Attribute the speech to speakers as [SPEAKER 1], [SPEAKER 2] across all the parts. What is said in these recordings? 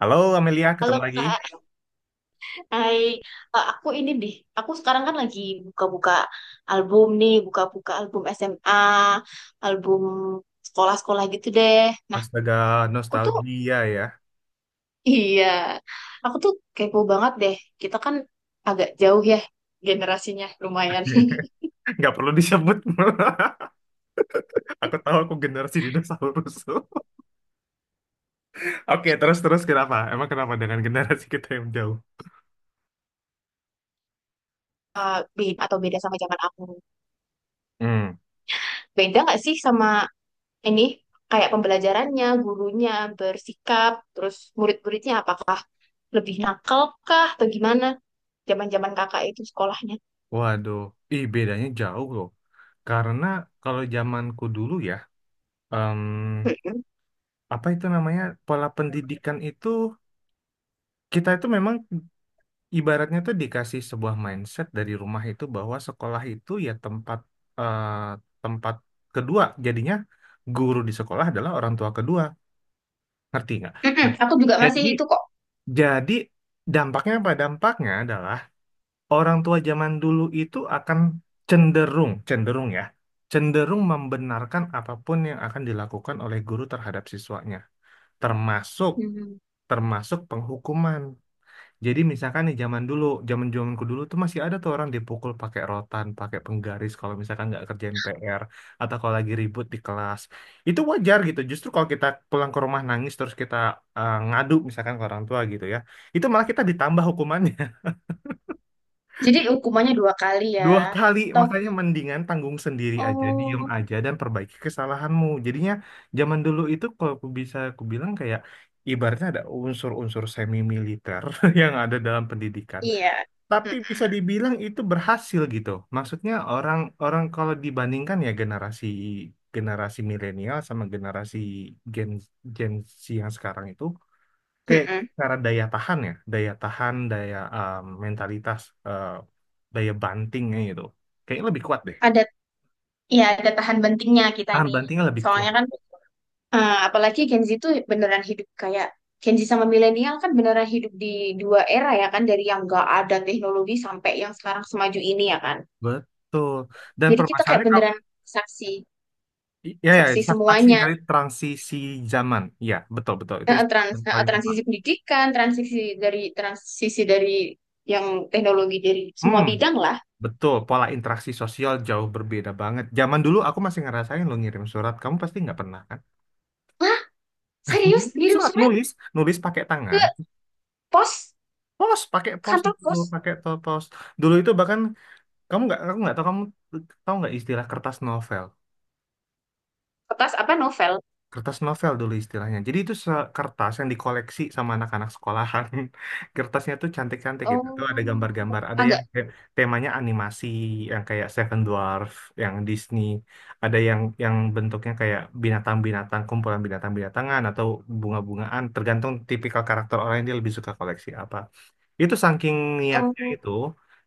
[SPEAKER 1] Halo Amelia,
[SPEAKER 2] Halo
[SPEAKER 1] ketemu lagi.
[SPEAKER 2] Kak, hai. Aku sekarang kan lagi buka-buka album nih, buka-buka album SMA, album sekolah-sekolah gitu deh. Nah,
[SPEAKER 1] Astaga,
[SPEAKER 2] aku tuh,
[SPEAKER 1] nostalgia ya.
[SPEAKER 2] iya, aku tuh kepo banget deh. Kita kan agak jauh ya generasinya, lumayan.
[SPEAKER 1] Nggak perlu disebut. Aku tahu aku generasi dinosaurus. Oke, terus-terus kenapa? Emang kenapa dengan generasi kita yang jauh?
[SPEAKER 2] Beda sama zaman aku.
[SPEAKER 1] Hmm.
[SPEAKER 2] Beda nggak sih sama ini, kayak pembelajarannya, gurunya, bersikap, terus murid-muridnya apakah lebih nakal kah atau gimana zaman-zaman kakak itu sekolahnya?
[SPEAKER 1] Waduh, ih bedanya jauh loh. Karena kalau zamanku dulu ya, em,
[SPEAKER 2] Mm-mm.
[SPEAKER 1] apa itu namanya, pola pendidikan itu, kita itu memang ibaratnya tuh dikasih sebuah mindset dari rumah itu bahwa sekolah itu ya tempat eh, tempat kedua. Jadinya guru di sekolah adalah orang tua kedua. Ngerti nggak?
[SPEAKER 2] Mm-mm.
[SPEAKER 1] Nah,
[SPEAKER 2] Aku juga masih
[SPEAKER 1] Jadi
[SPEAKER 2] itu kok.
[SPEAKER 1] jadi dampaknya apa? Dampaknya adalah orang tua zaman dulu itu akan cenderung cenderung ya cenderung membenarkan apapun yang akan dilakukan oleh guru terhadap siswanya, termasuk
[SPEAKER 2] Mm.
[SPEAKER 1] termasuk penghukuman. Jadi misalkan nih zaman dulu, zamanku dulu tuh masih ada tuh orang dipukul pakai rotan, pakai penggaris kalau misalkan nggak kerjain PR atau kalau lagi ribut di kelas. Itu wajar gitu. Justru kalau kita pulang ke rumah nangis terus kita ngadu misalkan ke orang tua gitu ya, itu malah kita ditambah hukumannya
[SPEAKER 2] Jadi hukumannya dua kali
[SPEAKER 1] dua
[SPEAKER 2] ya.
[SPEAKER 1] kali.
[SPEAKER 2] Atau
[SPEAKER 1] Makanya mendingan tanggung sendiri aja, diem
[SPEAKER 2] oh
[SPEAKER 1] aja dan perbaiki kesalahanmu. Jadinya zaman dulu itu kalau aku bisa aku bilang kayak ibaratnya ada unsur-unsur semi militer yang ada dalam pendidikan,
[SPEAKER 2] iya.
[SPEAKER 1] tapi
[SPEAKER 2] Mm-mm.
[SPEAKER 1] bisa dibilang itu berhasil gitu. Maksudnya orang orang kalau dibandingkan ya generasi generasi milenial sama generasi Gen Gen Z yang sekarang itu kayak
[SPEAKER 2] Mm-mm.
[SPEAKER 1] cara daya tahan ya, daya tahan, mentalitas, eh, daya bantingnya gitu. Kayaknya lebih kuat deh.
[SPEAKER 2] Ada ya ada tahan bentingnya kita
[SPEAKER 1] Tahan
[SPEAKER 2] nih.
[SPEAKER 1] bantingnya lebih kuat.
[SPEAKER 2] Soalnya apalagi Gen Z itu beneran hidup kayak, Gen Z sama milenial kan beneran hidup di dua era ya kan, dari yang gak ada teknologi sampai yang sekarang semaju ini ya kan.
[SPEAKER 1] Betul. Dan
[SPEAKER 2] Jadi kita kayak
[SPEAKER 1] permasalahannya kalau
[SPEAKER 2] beneran saksi
[SPEAKER 1] ya ya
[SPEAKER 2] saksi
[SPEAKER 1] saksi
[SPEAKER 2] semuanya.
[SPEAKER 1] dari transisi zaman. Ya, betul betul. Itu
[SPEAKER 2] Nah,
[SPEAKER 1] istilah
[SPEAKER 2] trans,
[SPEAKER 1] yang
[SPEAKER 2] nah,
[SPEAKER 1] paling tepat.
[SPEAKER 2] transisi pendidikan, transisi dari yang teknologi, dari
[SPEAKER 1] Hmm.
[SPEAKER 2] semua bidang lah.
[SPEAKER 1] Betul, pola interaksi sosial jauh berbeda banget. Zaman dulu aku masih ngerasain lo ngirim surat, kamu pasti nggak pernah kan?
[SPEAKER 2] Lah, serius
[SPEAKER 1] Ngirim
[SPEAKER 2] ngirim
[SPEAKER 1] surat
[SPEAKER 2] surat
[SPEAKER 1] nulis, nulis pakai
[SPEAKER 2] ke
[SPEAKER 1] tangan,
[SPEAKER 2] pos,
[SPEAKER 1] pos pakai pos
[SPEAKER 2] kantor
[SPEAKER 1] dulu,
[SPEAKER 2] pos?
[SPEAKER 1] pos. Dulu itu bahkan kamu nggak, aku nggak tahu kamu tahu nggak istilah kertas novel.
[SPEAKER 2] Kertas apa, novel?
[SPEAKER 1] Kertas novel dulu istilahnya. Jadi itu kertas yang dikoleksi sama anak-anak sekolahan. Kertasnya tuh cantik-cantik gitu. Tuh ada
[SPEAKER 2] Oh,
[SPEAKER 1] gambar-gambar, ada yang
[SPEAKER 2] agak.
[SPEAKER 1] kayak temanya animasi yang kayak Seven Dwarf, yang Disney, ada yang bentuknya kayak binatang-binatang, kumpulan binatang-binatangan atau bunga-bungaan, tergantung tipikal karakter orang yang dia lebih suka koleksi apa. Itu saking niatnya
[SPEAKER 2] Oh,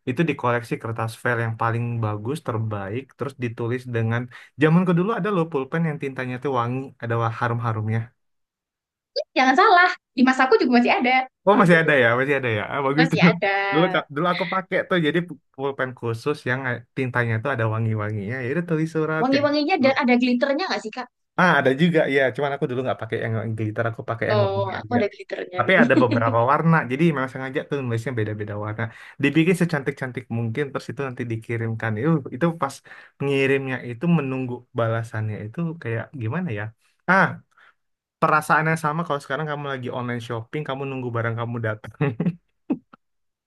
[SPEAKER 1] itu dikoleksi kertas file yang paling bagus, terbaik, terus ditulis dengan zamanku dulu ada loh pulpen yang tintanya tuh wangi, ada harum-harumnya.
[SPEAKER 2] jangan salah. Di masaku juga
[SPEAKER 1] Oh masih ada ya, masih ada ya. Ah, bagus tuh.
[SPEAKER 2] masih ada
[SPEAKER 1] Dulu dulu aku pakai tuh jadi pulpen khusus yang tintanya tuh ada wangi-wanginya. Ya udah tulis surat kayak
[SPEAKER 2] wangi-wanginya
[SPEAKER 1] gitu.
[SPEAKER 2] dan ada glitternya nggak sih Kak?
[SPEAKER 1] Ah, ada juga ya. Cuman aku dulu nggak pakai yang glitter, aku pakai yang
[SPEAKER 2] Oh,
[SPEAKER 1] wangi
[SPEAKER 2] aku
[SPEAKER 1] aja.
[SPEAKER 2] ada glitternya
[SPEAKER 1] Tapi
[SPEAKER 2] dulu.
[SPEAKER 1] ada beberapa warna, jadi memang sengaja tuh nulisnya beda-beda warna. Dibikin secantik-cantik mungkin, terus itu nanti dikirimkan. Itu pas pengirimnya itu menunggu balasannya itu kayak gimana ya? Ah, perasaannya sama kalau sekarang kamu lagi online shopping, kamu nunggu barang kamu datang.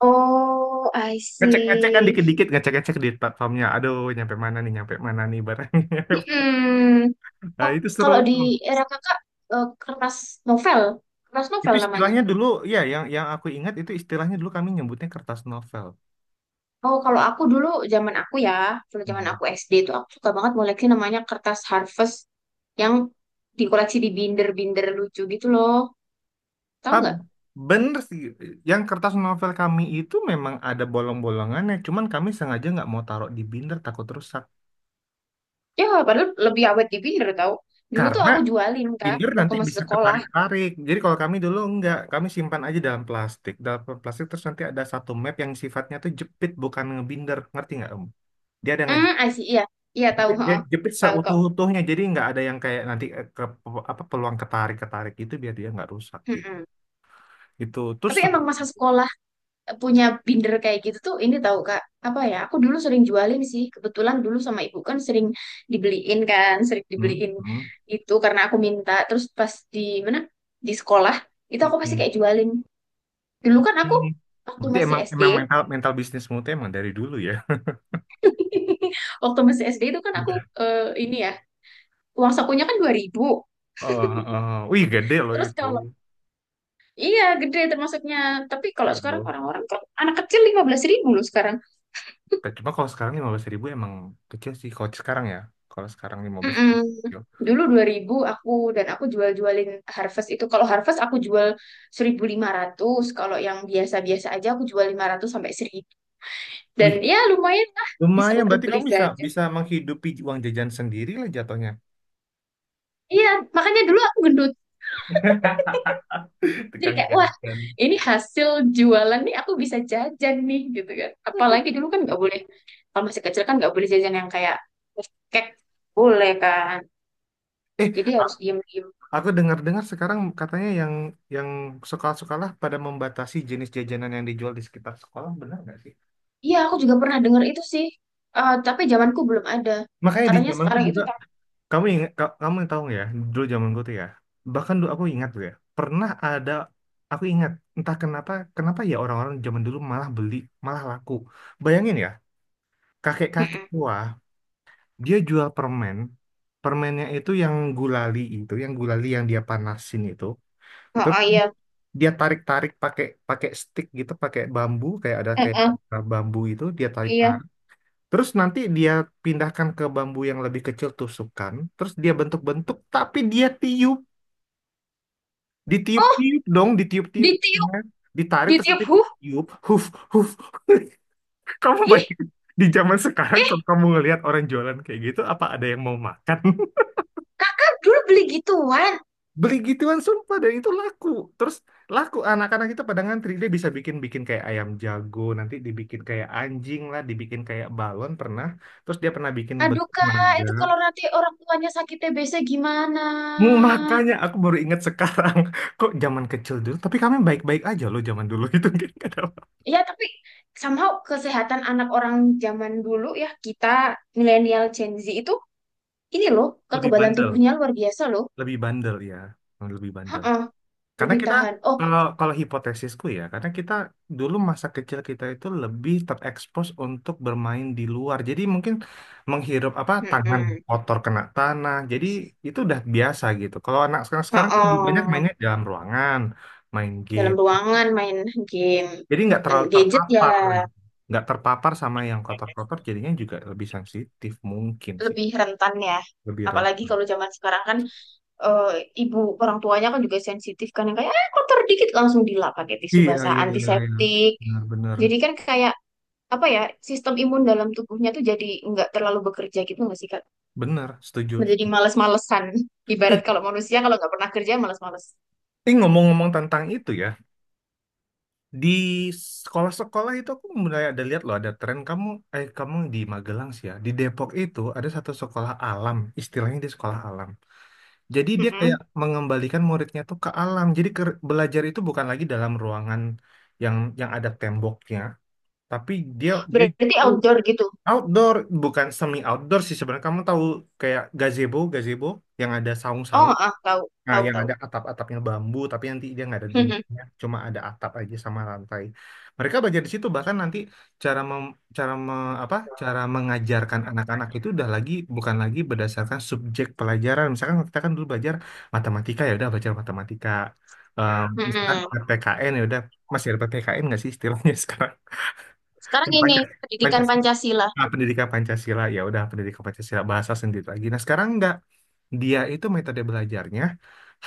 [SPEAKER 2] Oh, I
[SPEAKER 1] Ngecek-ngecek kan
[SPEAKER 2] see.
[SPEAKER 1] dikit-dikit, ngecek-ngecek di platformnya. Aduh, nyampe mana nih barangnya.
[SPEAKER 2] Mm-mm.
[SPEAKER 1] Nah,
[SPEAKER 2] Oh,
[SPEAKER 1] itu seru
[SPEAKER 2] kalau di
[SPEAKER 1] tuh.
[SPEAKER 2] era kakak eh, kertas novel, kertas
[SPEAKER 1] Itu
[SPEAKER 2] novel namanya.
[SPEAKER 1] istilahnya dulu, ya yang aku ingat itu istilahnya dulu kami nyebutnya kertas novel.
[SPEAKER 2] Oh, kalau aku dulu zaman aku ya, dulu zaman
[SPEAKER 1] Hmm.
[SPEAKER 2] aku SD itu aku suka banget koleksi namanya kertas Harvest, yang dikoleksi di binder-binder lucu gitu loh. Tahu
[SPEAKER 1] Ah,
[SPEAKER 2] nggak?
[SPEAKER 1] bener sih, yang kertas novel kami itu memang ada bolong-bolongannya, cuman kami sengaja nggak mau taruh di binder takut rusak.
[SPEAKER 2] Ya, padahal lebih awet di binder tahu. Dulu tuh
[SPEAKER 1] Karena
[SPEAKER 2] aku jualin Kak
[SPEAKER 1] binder
[SPEAKER 2] waktu
[SPEAKER 1] nanti
[SPEAKER 2] masih
[SPEAKER 1] bisa
[SPEAKER 2] sekolah.
[SPEAKER 1] ketarik-tarik. Jadi kalau kami dulu nggak, kami simpan aja dalam plastik. Dalam plastik terus nanti ada satu map yang sifatnya tuh jepit bukan ngebinder, ngerti nggak Om? Dia ada nge
[SPEAKER 2] Hmm, asih iya. Iya tahu,
[SPEAKER 1] ya,
[SPEAKER 2] heeh.
[SPEAKER 1] jepit
[SPEAKER 2] Tahu kok.
[SPEAKER 1] seutuh-utuhnya jadi nggak ada yang kayak apa peluang ketarik-ketarik itu biar dia nggak rusak gitu
[SPEAKER 2] Mm-mm.
[SPEAKER 1] gitu terus
[SPEAKER 2] Tapi
[SPEAKER 1] tetap
[SPEAKER 2] emang masa sekolah punya binder kayak gitu tuh ini tahu Kak, apa ya, aku dulu sering jualin sih, kebetulan dulu sama ibu kan sering dibeliin kan sering
[SPEAKER 1] hmm,
[SPEAKER 2] dibeliin
[SPEAKER 1] hmm,
[SPEAKER 2] itu karena aku minta terus pas di mana, di sekolah itu
[SPEAKER 1] hmm,
[SPEAKER 2] aku pasti
[SPEAKER 1] hmm,
[SPEAKER 2] kayak jualin. Dulu kan aku
[SPEAKER 1] hmm.
[SPEAKER 2] waktu
[SPEAKER 1] berarti
[SPEAKER 2] masih
[SPEAKER 1] emang
[SPEAKER 2] SD,
[SPEAKER 1] emang mental mental bisnismu tuh emang dari dulu ya
[SPEAKER 2] waktu masih SD itu kan aku
[SPEAKER 1] udah.
[SPEAKER 2] eh, ini ya uang sakunya kan 2.000.
[SPEAKER 1] Oh, oh. Wih gede loh
[SPEAKER 2] Terus
[SPEAKER 1] itu.
[SPEAKER 2] kalau iya gede termasuknya, tapi kalau
[SPEAKER 1] Gede
[SPEAKER 2] sekarang
[SPEAKER 1] loh.
[SPEAKER 2] orang-orang kan anak kecil 15.000 loh sekarang.
[SPEAKER 1] Tapi cuma kalau sekarang lima belas ribu emang kecil sih kalau sekarang ya kalau sekarang lima belas
[SPEAKER 2] Mm-mm.
[SPEAKER 1] ribu
[SPEAKER 2] Dulu 2.000 aku, dan aku jual-jualin Harvest itu. Kalau Harvest aku jual 1.500, kalau yang biasa-biasa aja aku jual 500 sampai 1.000. Dan
[SPEAKER 1] wih
[SPEAKER 2] ya lumayan lah, bisa
[SPEAKER 1] lumayan
[SPEAKER 2] untuk
[SPEAKER 1] berarti
[SPEAKER 2] beli
[SPEAKER 1] kamu bisa
[SPEAKER 2] jajan.
[SPEAKER 1] bisa menghidupi uang jajan sendiri lah jatuhnya.
[SPEAKER 2] Iya, makanya dulu aku gendut. Jadi
[SPEAKER 1] Tukang
[SPEAKER 2] kayak wah,
[SPEAKER 1] jajan.
[SPEAKER 2] ini hasil jualan nih, aku bisa jajan nih gitu kan. Apalagi dulu kan nggak boleh, kalau masih kecil kan nggak boleh jajan yang kayak cake boleh kan.
[SPEAKER 1] eh
[SPEAKER 2] Jadi harus diem-diem.
[SPEAKER 1] Aku dengar-dengar sekarang katanya yang sekolah-sekolah pada membatasi jenis jajanan yang dijual di sekitar sekolah, benar nggak sih?
[SPEAKER 2] Iya, aku juga pernah dengar itu sih. Tapi zamanku belum ada.
[SPEAKER 1] Makanya di
[SPEAKER 2] Katanya
[SPEAKER 1] zamanku
[SPEAKER 2] sekarang itu
[SPEAKER 1] juga,
[SPEAKER 2] tak.
[SPEAKER 1] kamu ingat, kamu tahu nggak ya, dulu zamanku tuh ya, bahkan dulu aku ingat tuh ya, pernah ada, aku ingat, entah kenapa, kenapa ya orang-orang zaman dulu malah beli, malah laku. Bayangin ya, kakek-kakek
[SPEAKER 2] Mm-mm.
[SPEAKER 1] tua, dia jual permen, permennya itu, yang gulali yang dia panasin itu,
[SPEAKER 2] Oh, oh, iya.
[SPEAKER 1] dia tarik-tarik pakai pakai stick gitu, pakai bambu kayak
[SPEAKER 2] Mm-mm.
[SPEAKER 1] ada bambu itu dia
[SPEAKER 2] Iya.
[SPEAKER 1] tarik-tarik. Terus nanti dia pindahkan ke bambu yang lebih kecil tusukkan, terus dia bentuk-bentuk tapi dia tiup,
[SPEAKER 2] Oh,
[SPEAKER 1] ditiup-tiup dong, ditiup-tiup.
[SPEAKER 2] ditiup,
[SPEAKER 1] Ya. Ditarik terus
[SPEAKER 2] ditiup.
[SPEAKER 1] nanti
[SPEAKER 2] Huh.
[SPEAKER 1] tiup, huf huf. Kamu
[SPEAKER 2] Ih,
[SPEAKER 1] bayangin di zaman sekarang kalau
[SPEAKER 2] eh,
[SPEAKER 1] kamu ngelihat orang jualan kayak gitu apa ada yang mau makan?
[SPEAKER 2] kakak dulu beli gituan.
[SPEAKER 1] Beli gituan sumpah dan itu laku terus laku anak-anak kita pada ngantri dia bisa bikin bikin kayak ayam jago nanti dibikin kayak anjing lah dibikin kayak balon pernah terus dia pernah bikin
[SPEAKER 2] Aduh,
[SPEAKER 1] bentuk
[SPEAKER 2] Kak,
[SPEAKER 1] naga.
[SPEAKER 2] itu kalau nanti orang tuanya sakit TBC gimana?
[SPEAKER 1] Hmm, makanya aku baru ingat sekarang kok zaman kecil dulu tapi kami baik-baik aja loh zaman dulu itu, nggak ada apa-
[SPEAKER 2] Ya, tapi somehow kesehatan anak orang zaman dulu ya, kita milenial Gen Z itu ini loh,
[SPEAKER 1] lebih
[SPEAKER 2] kekebalan
[SPEAKER 1] bandel,
[SPEAKER 2] tubuhnya luar biasa loh.
[SPEAKER 1] lebih bandel ya, lebih bandel.
[SPEAKER 2] Heeh,
[SPEAKER 1] Karena
[SPEAKER 2] lebih
[SPEAKER 1] kita
[SPEAKER 2] tahan. Oh,
[SPEAKER 1] kalau kalau hipotesisku ya, karena kita dulu masa kecil kita itu lebih terekspos untuk bermain di luar. Jadi mungkin menghirup apa tangan
[SPEAKER 2] mm-mm.
[SPEAKER 1] kotor kena tanah. Jadi itu udah biasa gitu. Kalau anak sekarang sekarang kan lebih banyak
[SPEAKER 2] Heeh.
[SPEAKER 1] mainnya di dalam ruangan, main
[SPEAKER 2] Dalam
[SPEAKER 1] game.
[SPEAKER 2] ruangan, main game
[SPEAKER 1] Jadi nggak
[SPEAKER 2] dan
[SPEAKER 1] terlalu
[SPEAKER 2] gadget ya,
[SPEAKER 1] terpapar, nggak terpapar sama yang kotor-kotor. Jadinya juga lebih sensitif mungkin sih,
[SPEAKER 2] lebih rentan ya.
[SPEAKER 1] lebih
[SPEAKER 2] Apalagi
[SPEAKER 1] rentan.
[SPEAKER 2] kalau zaman sekarang kan eh, ibu, orang tuanya kan juga sensitif kan, yang kayak ah, kotor dikit langsung dilap pakai tisu
[SPEAKER 1] Iya
[SPEAKER 2] basah
[SPEAKER 1] iya iya, iya.
[SPEAKER 2] antiseptik.
[SPEAKER 1] Benar benar
[SPEAKER 2] Jadi kan kayak apa ya, sistem imun dalam tubuhnya tuh jadi nggak terlalu bekerja gitu nggak sih Kak?
[SPEAKER 1] benar, setuju.
[SPEAKER 2] Menjadi males-malesan. Ibarat
[SPEAKER 1] Eh,
[SPEAKER 2] kalau manusia kalau nggak pernah kerja males-males.
[SPEAKER 1] ini ngomong-ngomong tentang itu ya. Di sekolah-sekolah itu aku mulai ada lihat loh ada tren kamu kamu di Magelang sih ya. Di Depok itu ada satu sekolah alam, istilahnya di sekolah alam. Jadi dia kayak
[SPEAKER 2] Mm-mm.
[SPEAKER 1] mengembalikan muridnya tuh ke alam. Jadi belajar itu bukan lagi dalam ruangan yang yang ada temboknya, tapi dia dia
[SPEAKER 2] Berarti
[SPEAKER 1] itu
[SPEAKER 2] outdoor gitu.
[SPEAKER 1] outdoor, bukan semi outdoor sih sebenarnya. Kamu tahu kayak gazebo yang ada saung-saung.
[SPEAKER 2] Oh, ah, tahu,
[SPEAKER 1] Nah,
[SPEAKER 2] tahu,
[SPEAKER 1] yang
[SPEAKER 2] tahu.
[SPEAKER 1] ada atap-atapnya bambu, tapi nanti dia nggak ada
[SPEAKER 2] Mm-mm.
[SPEAKER 1] dindingnya, cuma ada atap aja sama lantai. Mereka belajar di situ, bahkan nanti cara mem, cara me- apa cara mengajarkan anak-anak itu udah lagi bukan lagi berdasarkan subjek pelajaran. Misalkan kita kan dulu belajar matematika ya udah belajar matematika. Eh, misalkan
[SPEAKER 2] Mm-mm.
[SPEAKER 1] PPKN ya udah masih ada PPKN nggak sih istilahnya sekarang?
[SPEAKER 2] Sekarang ini
[SPEAKER 1] Pancasila.
[SPEAKER 2] pendidikan
[SPEAKER 1] Pancasila.
[SPEAKER 2] Pancasila.
[SPEAKER 1] Ah, pendidikan Pancasila ya udah pendidikan Pancasila bahasa sendiri lagi. Nah sekarang enggak, dia itu metode belajarnya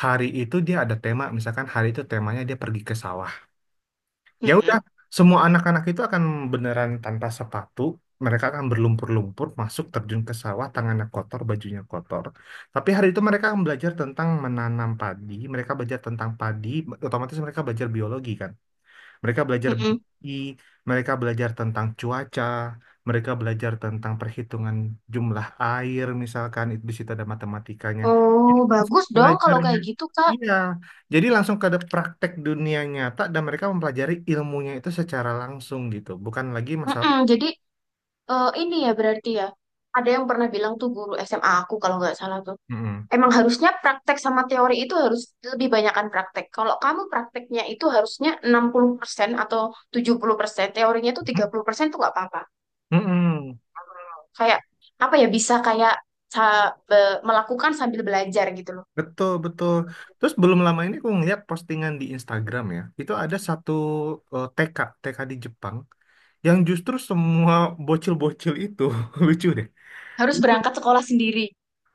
[SPEAKER 1] hari itu dia ada tema misalkan hari itu temanya dia pergi ke sawah. Ya udah
[SPEAKER 2] Mm-mm,
[SPEAKER 1] semua anak-anak itu akan beneran tanpa sepatu mereka akan berlumpur-lumpur masuk terjun ke sawah tangannya kotor bajunya kotor. Tapi hari itu mereka akan belajar tentang menanam padi mereka belajar tentang padi otomatis mereka belajar biologi kan. Mereka belajar
[SPEAKER 2] mm-mm.
[SPEAKER 1] biologi, mereka belajar tentang cuaca, mereka belajar tentang perhitungan jumlah air misalkan itu di situ ada matematikanya.
[SPEAKER 2] Oh,
[SPEAKER 1] Jadi langsung
[SPEAKER 2] bagus dong kalau
[SPEAKER 1] belajarnya
[SPEAKER 2] kayak gitu, Kak.
[SPEAKER 1] iya. Jadi langsung ke ada praktek dunia nyata dan mereka mempelajari ilmunya itu secara langsung gitu, bukan lagi masalah.
[SPEAKER 2] Mm-mm, Jadi eh, ini ya berarti ya. Ada yang pernah bilang tuh guru SMA aku kalau nggak salah tuh.
[SPEAKER 1] Mm-mm.
[SPEAKER 2] Emang harusnya praktek sama teori itu harus lebih banyakkan praktek. Kalau kamu prakteknya itu harusnya 60% atau 70%, teorinya itu 30% tuh nggak apa-apa.
[SPEAKER 1] Mm-mm.
[SPEAKER 2] Kayak apa ya, bisa kayak melakukan sambil belajar gitu loh.
[SPEAKER 1] Betul, betul. Terus belum lama ini aku ngeliat postingan di Instagram ya. Itu ada satu eh, TK, TK di Jepang, yang justru semua bocil-bocil itu lucu deh
[SPEAKER 2] Harus
[SPEAKER 1] itu
[SPEAKER 2] berangkat sekolah sendiri.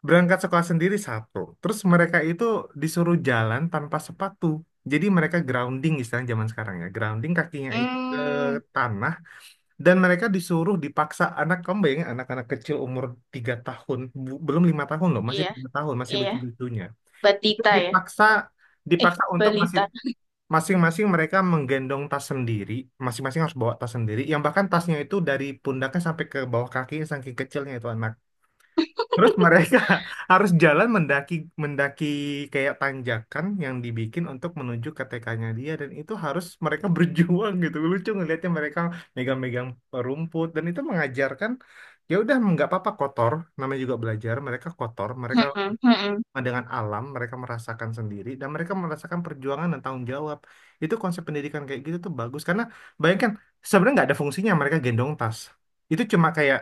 [SPEAKER 1] berangkat sekolah sendiri satu terus mereka itu disuruh jalan tanpa sepatu jadi mereka grounding istilah zaman sekarang ya grounding kakinya itu ke
[SPEAKER 2] Hmm,
[SPEAKER 1] tanah dan mereka disuruh dipaksa anak kamu anak-anak kecil umur 3 tahun belum lima tahun loh masih
[SPEAKER 2] iya,
[SPEAKER 1] tiga tahun masih
[SPEAKER 2] iya.
[SPEAKER 1] lucu-lucunya itu
[SPEAKER 2] Batita ya?
[SPEAKER 1] dipaksa
[SPEAKER 2] Eh,
[SPEAKER 1] dipaksa untuk masih
[SPEAKER 2] Balita.
[SPEAKER 1] masing-masing mereka menggendong tas sendiri, masing-masing harus bawa tas sendiri, yang bahkan tasnya itu dari pundaknya sampai ke bawah kakinya saking kecilnya itu anak. Terus mereka harus jalan mendaki mendaki kayak tanjakan yang dibikin untuk menuju ke TK-nya dia dan itu harus mereka berjuang gitu. Lucu ngelihatnya mereka megang-megang rumput dan itu mengajarkan ya udah nggak apa-apa kotor, namanya juga belajar, mereka kotor, mereka.
[SPEAKER 2] Mm-mm, mm-mm.
[SPEAKER 1] Nah, dengan alam, mereka merasakan sendiri, dan mereka merasakan perjuangan dan tanggung jawab. Itu konsep pendidikan kayak gitu tuh bagus, karena bayangkan sebenarnya nggak ada fungsinya mereka gendong tas. Itu cuma kayak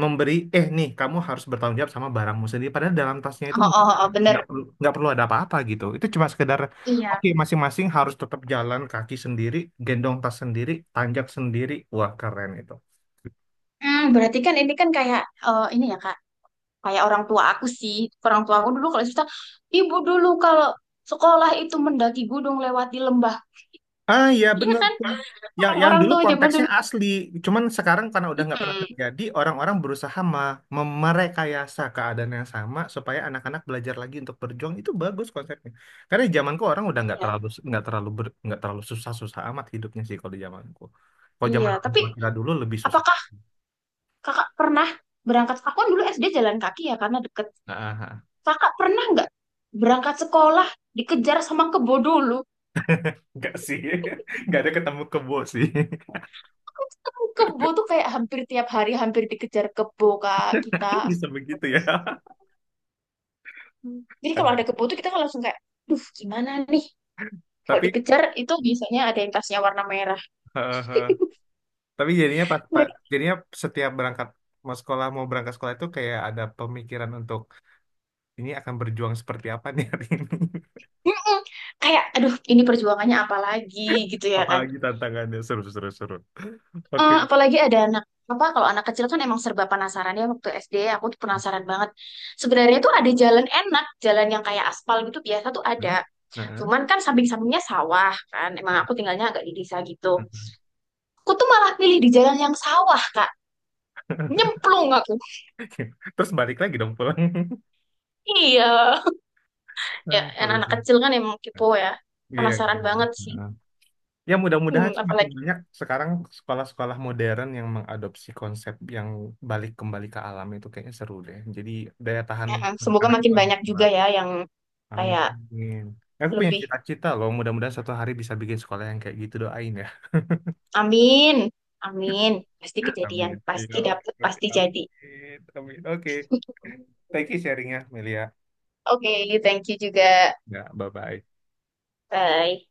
[SPEAKER 1] memberi, eh nih kamu harus bertanggung jawab sama barangmu sendiri. Padahal dalam tasnya itu
[SPEAKER 2] Oh,
[SPEAKER 1] mungkin
[SPEAKER 2] oh,
[SPEAKER 1] ya
[SPEAKER 2] oh, oh, bener.
[SPEAKER 1] nggak perlu ada apa-apa gitu. Itu cuma sekedar,
[SPEAKER 2] Iya.
[SPEAKER 1] oke masing-masing harus tetap jalan kaki sendiri, gendong tas sendiri, tanjak sendiri. Wah keren itu.
[SPEAKER 2] Hmm, berarti kan ini kan kayak eh, ini ya Kak, kayak orang tua aku sih. Orang tua aku dulu kalau cerita, ibu dulu kalau sekolah itu mendaki gunung lewati lembah.
[SPEAKER 1] Ah iya
[SPEAKER 2] Iya
[SPEAKER 1] bener
[SPEAKER 2] kan?
[SPEAKER 1] tuh. Yang
[SPEAKER 2] Orang-orang
[SPEAKER 1] dulu
[SPEAKER 2] tua zaman
[SPEAKER 1] konteksnya
[SPEAKER 2] dulu.
[SPEAKER 1] asli, cuman sekarang karena udah nggak pernah
[SPEAKER 2] Mm-mm.
[SPEAKER 1] terjadi, orang-orang berusaha merekayasa keadaan yang sama supaya anak-anak belajar lagi untuk berjuang itu bagus konsepnya. Karena di zamanku orang udah
[SPEAKER 2] Iya,
[SPEAKER 1] nggak terlalu susah-susah amat hidupnya sih kalau di zamanku. Kalau
[SPEAKER 2] iya.
[SPEAKER 1] zaman orang
[SPEAKER 2] Tapi
[SPEAKER 1] tua kita dulu lebih susah.
[SPEAKER 2] apakah Kakak pernah berangkat? Aku kan dulu SD jalan kaki ya karena deket.
[SPEAKER 1] Ah, ah.
[SPEAKER 2] Kakak pernah nggak berangkat sekolah dikejar sama kebo dulu?
[SPEAKER 1] Nggak sih, nggak ada ketemu kebo sih.
[SPEAKER 2] Kok ketemu kebo tuh kayak hampir tiap hari, hampir dikejar kebo kak kita.
[SPEAKER 1] Bisa begitu ya.
[SPEAKER 2] Jadi kalau
[SPEAKER 1] Ada.
[SPEAKER 2] ada kebo tuh kita kan langsung kayak, duh gimana nih? Kalau
[SPEAKER 1] Tapi
[SPEAKER 2] dikejar itu biasanya ada yang tasnya warna merah.
[SPEAKER 1] tapi jadinya pas,
[SPEAKER 2] Mereka
[SPEAKER 1] jadinya setiap berangkat mau sekolah mau berangkat sekolah itu kayak ada pemikiran untuk ini akan berjuang seperti apa nih hari ini.
[SPEAKER 2] "Mm-mm." Kayak, aduh ini perjuangannya apa lagi gitu ya kan?
[SPEAKER 1] Apalagi tantangannya seru seru seru. Oke.
[SPEAKER 2] Apalagi ada anak apa, kalau anak kecil kan emang serba penasaran ya, waktu SD aku tuh penasaran banget. Sebenarnya tuh ada jalan enak, jalan yang kayak aspal gitu biasa tuh ada.
[SPEAKER 1] Hmm? Heeh.
[SPEAKER 2] Cuman kan samping-sampingnya sawah kan. Emang aku tinggalnya agak di desa gitu.
[SPEAKER 1] Heeh.
[SPEAKER 2] Aku tuh malah pilih di jalan yang sawah, Kak. Nyemplung aku.
[SPEAKER 1] Terus balik lagi dong pulang.
[SPEAKER 2] Iya. Ya,
[SPEAKER 1] Nah,
[SPEAKER 2] yang
[SPEAKER 1] terus.
[SPEAKER 2] anak kecil kan emang kepo ya.
[SPEAKER 1] Iya,
[SPEAKER 2] Penasaran
[SPEAKER 1] kan.
[SPEAKER 2] banget sih.
[SPEAKER 1] Heeh. Ya
[SPEAKER 2] Hmm,
[SPEAKER 1] mudah-mudahan semakin
[SPEAKER 2] apalagi
[SPEAKER 1] banyak sekarang sekolah-sekolah modern yang mengadopsi konsep yang balik kembali ke alam itu kayaknya seru deh. Jadi daya tahan
[SPEAKER 2] ya, semoga
[SPEAKER 1] anak-anak itu
[SPEAKER 2] makin
[SPEAKER 1] lebih
[SPEAKER 2] banyak juga
[SPEAKER 1] kuat.
[SPEAKER 2] ya yang
[SPEAKER 1] Amin.
[SPEAKER 2] kayak
[SPEAKER 1] Aku punya
[SPEAKER 2] lebih
[SPEAKER 1] cita-cita loh, mudah-mudahan suatu hari bisa bikin sekolah yang kayak gitu, doain ya.
[SPEAKER 2] amin. Amin. Pasti kejadian,
[SPEAKER 1] Amin. Iya,
[SPEAKER 2] pasti
[SPEAKER 1] oke,
[SPEAKER 2] dapet,
[SPEAKER 1] oke,
[SPEAKER 2] pasti jadi.
[SPEAKER 1] amin. Amin. Oke. Thank you sharingnya, Melia.
[SPEAKER 2] Oke, thank you juga.
[SPEAKER 1] Ya, bye-bye.
[SPEAKER 2] Bye.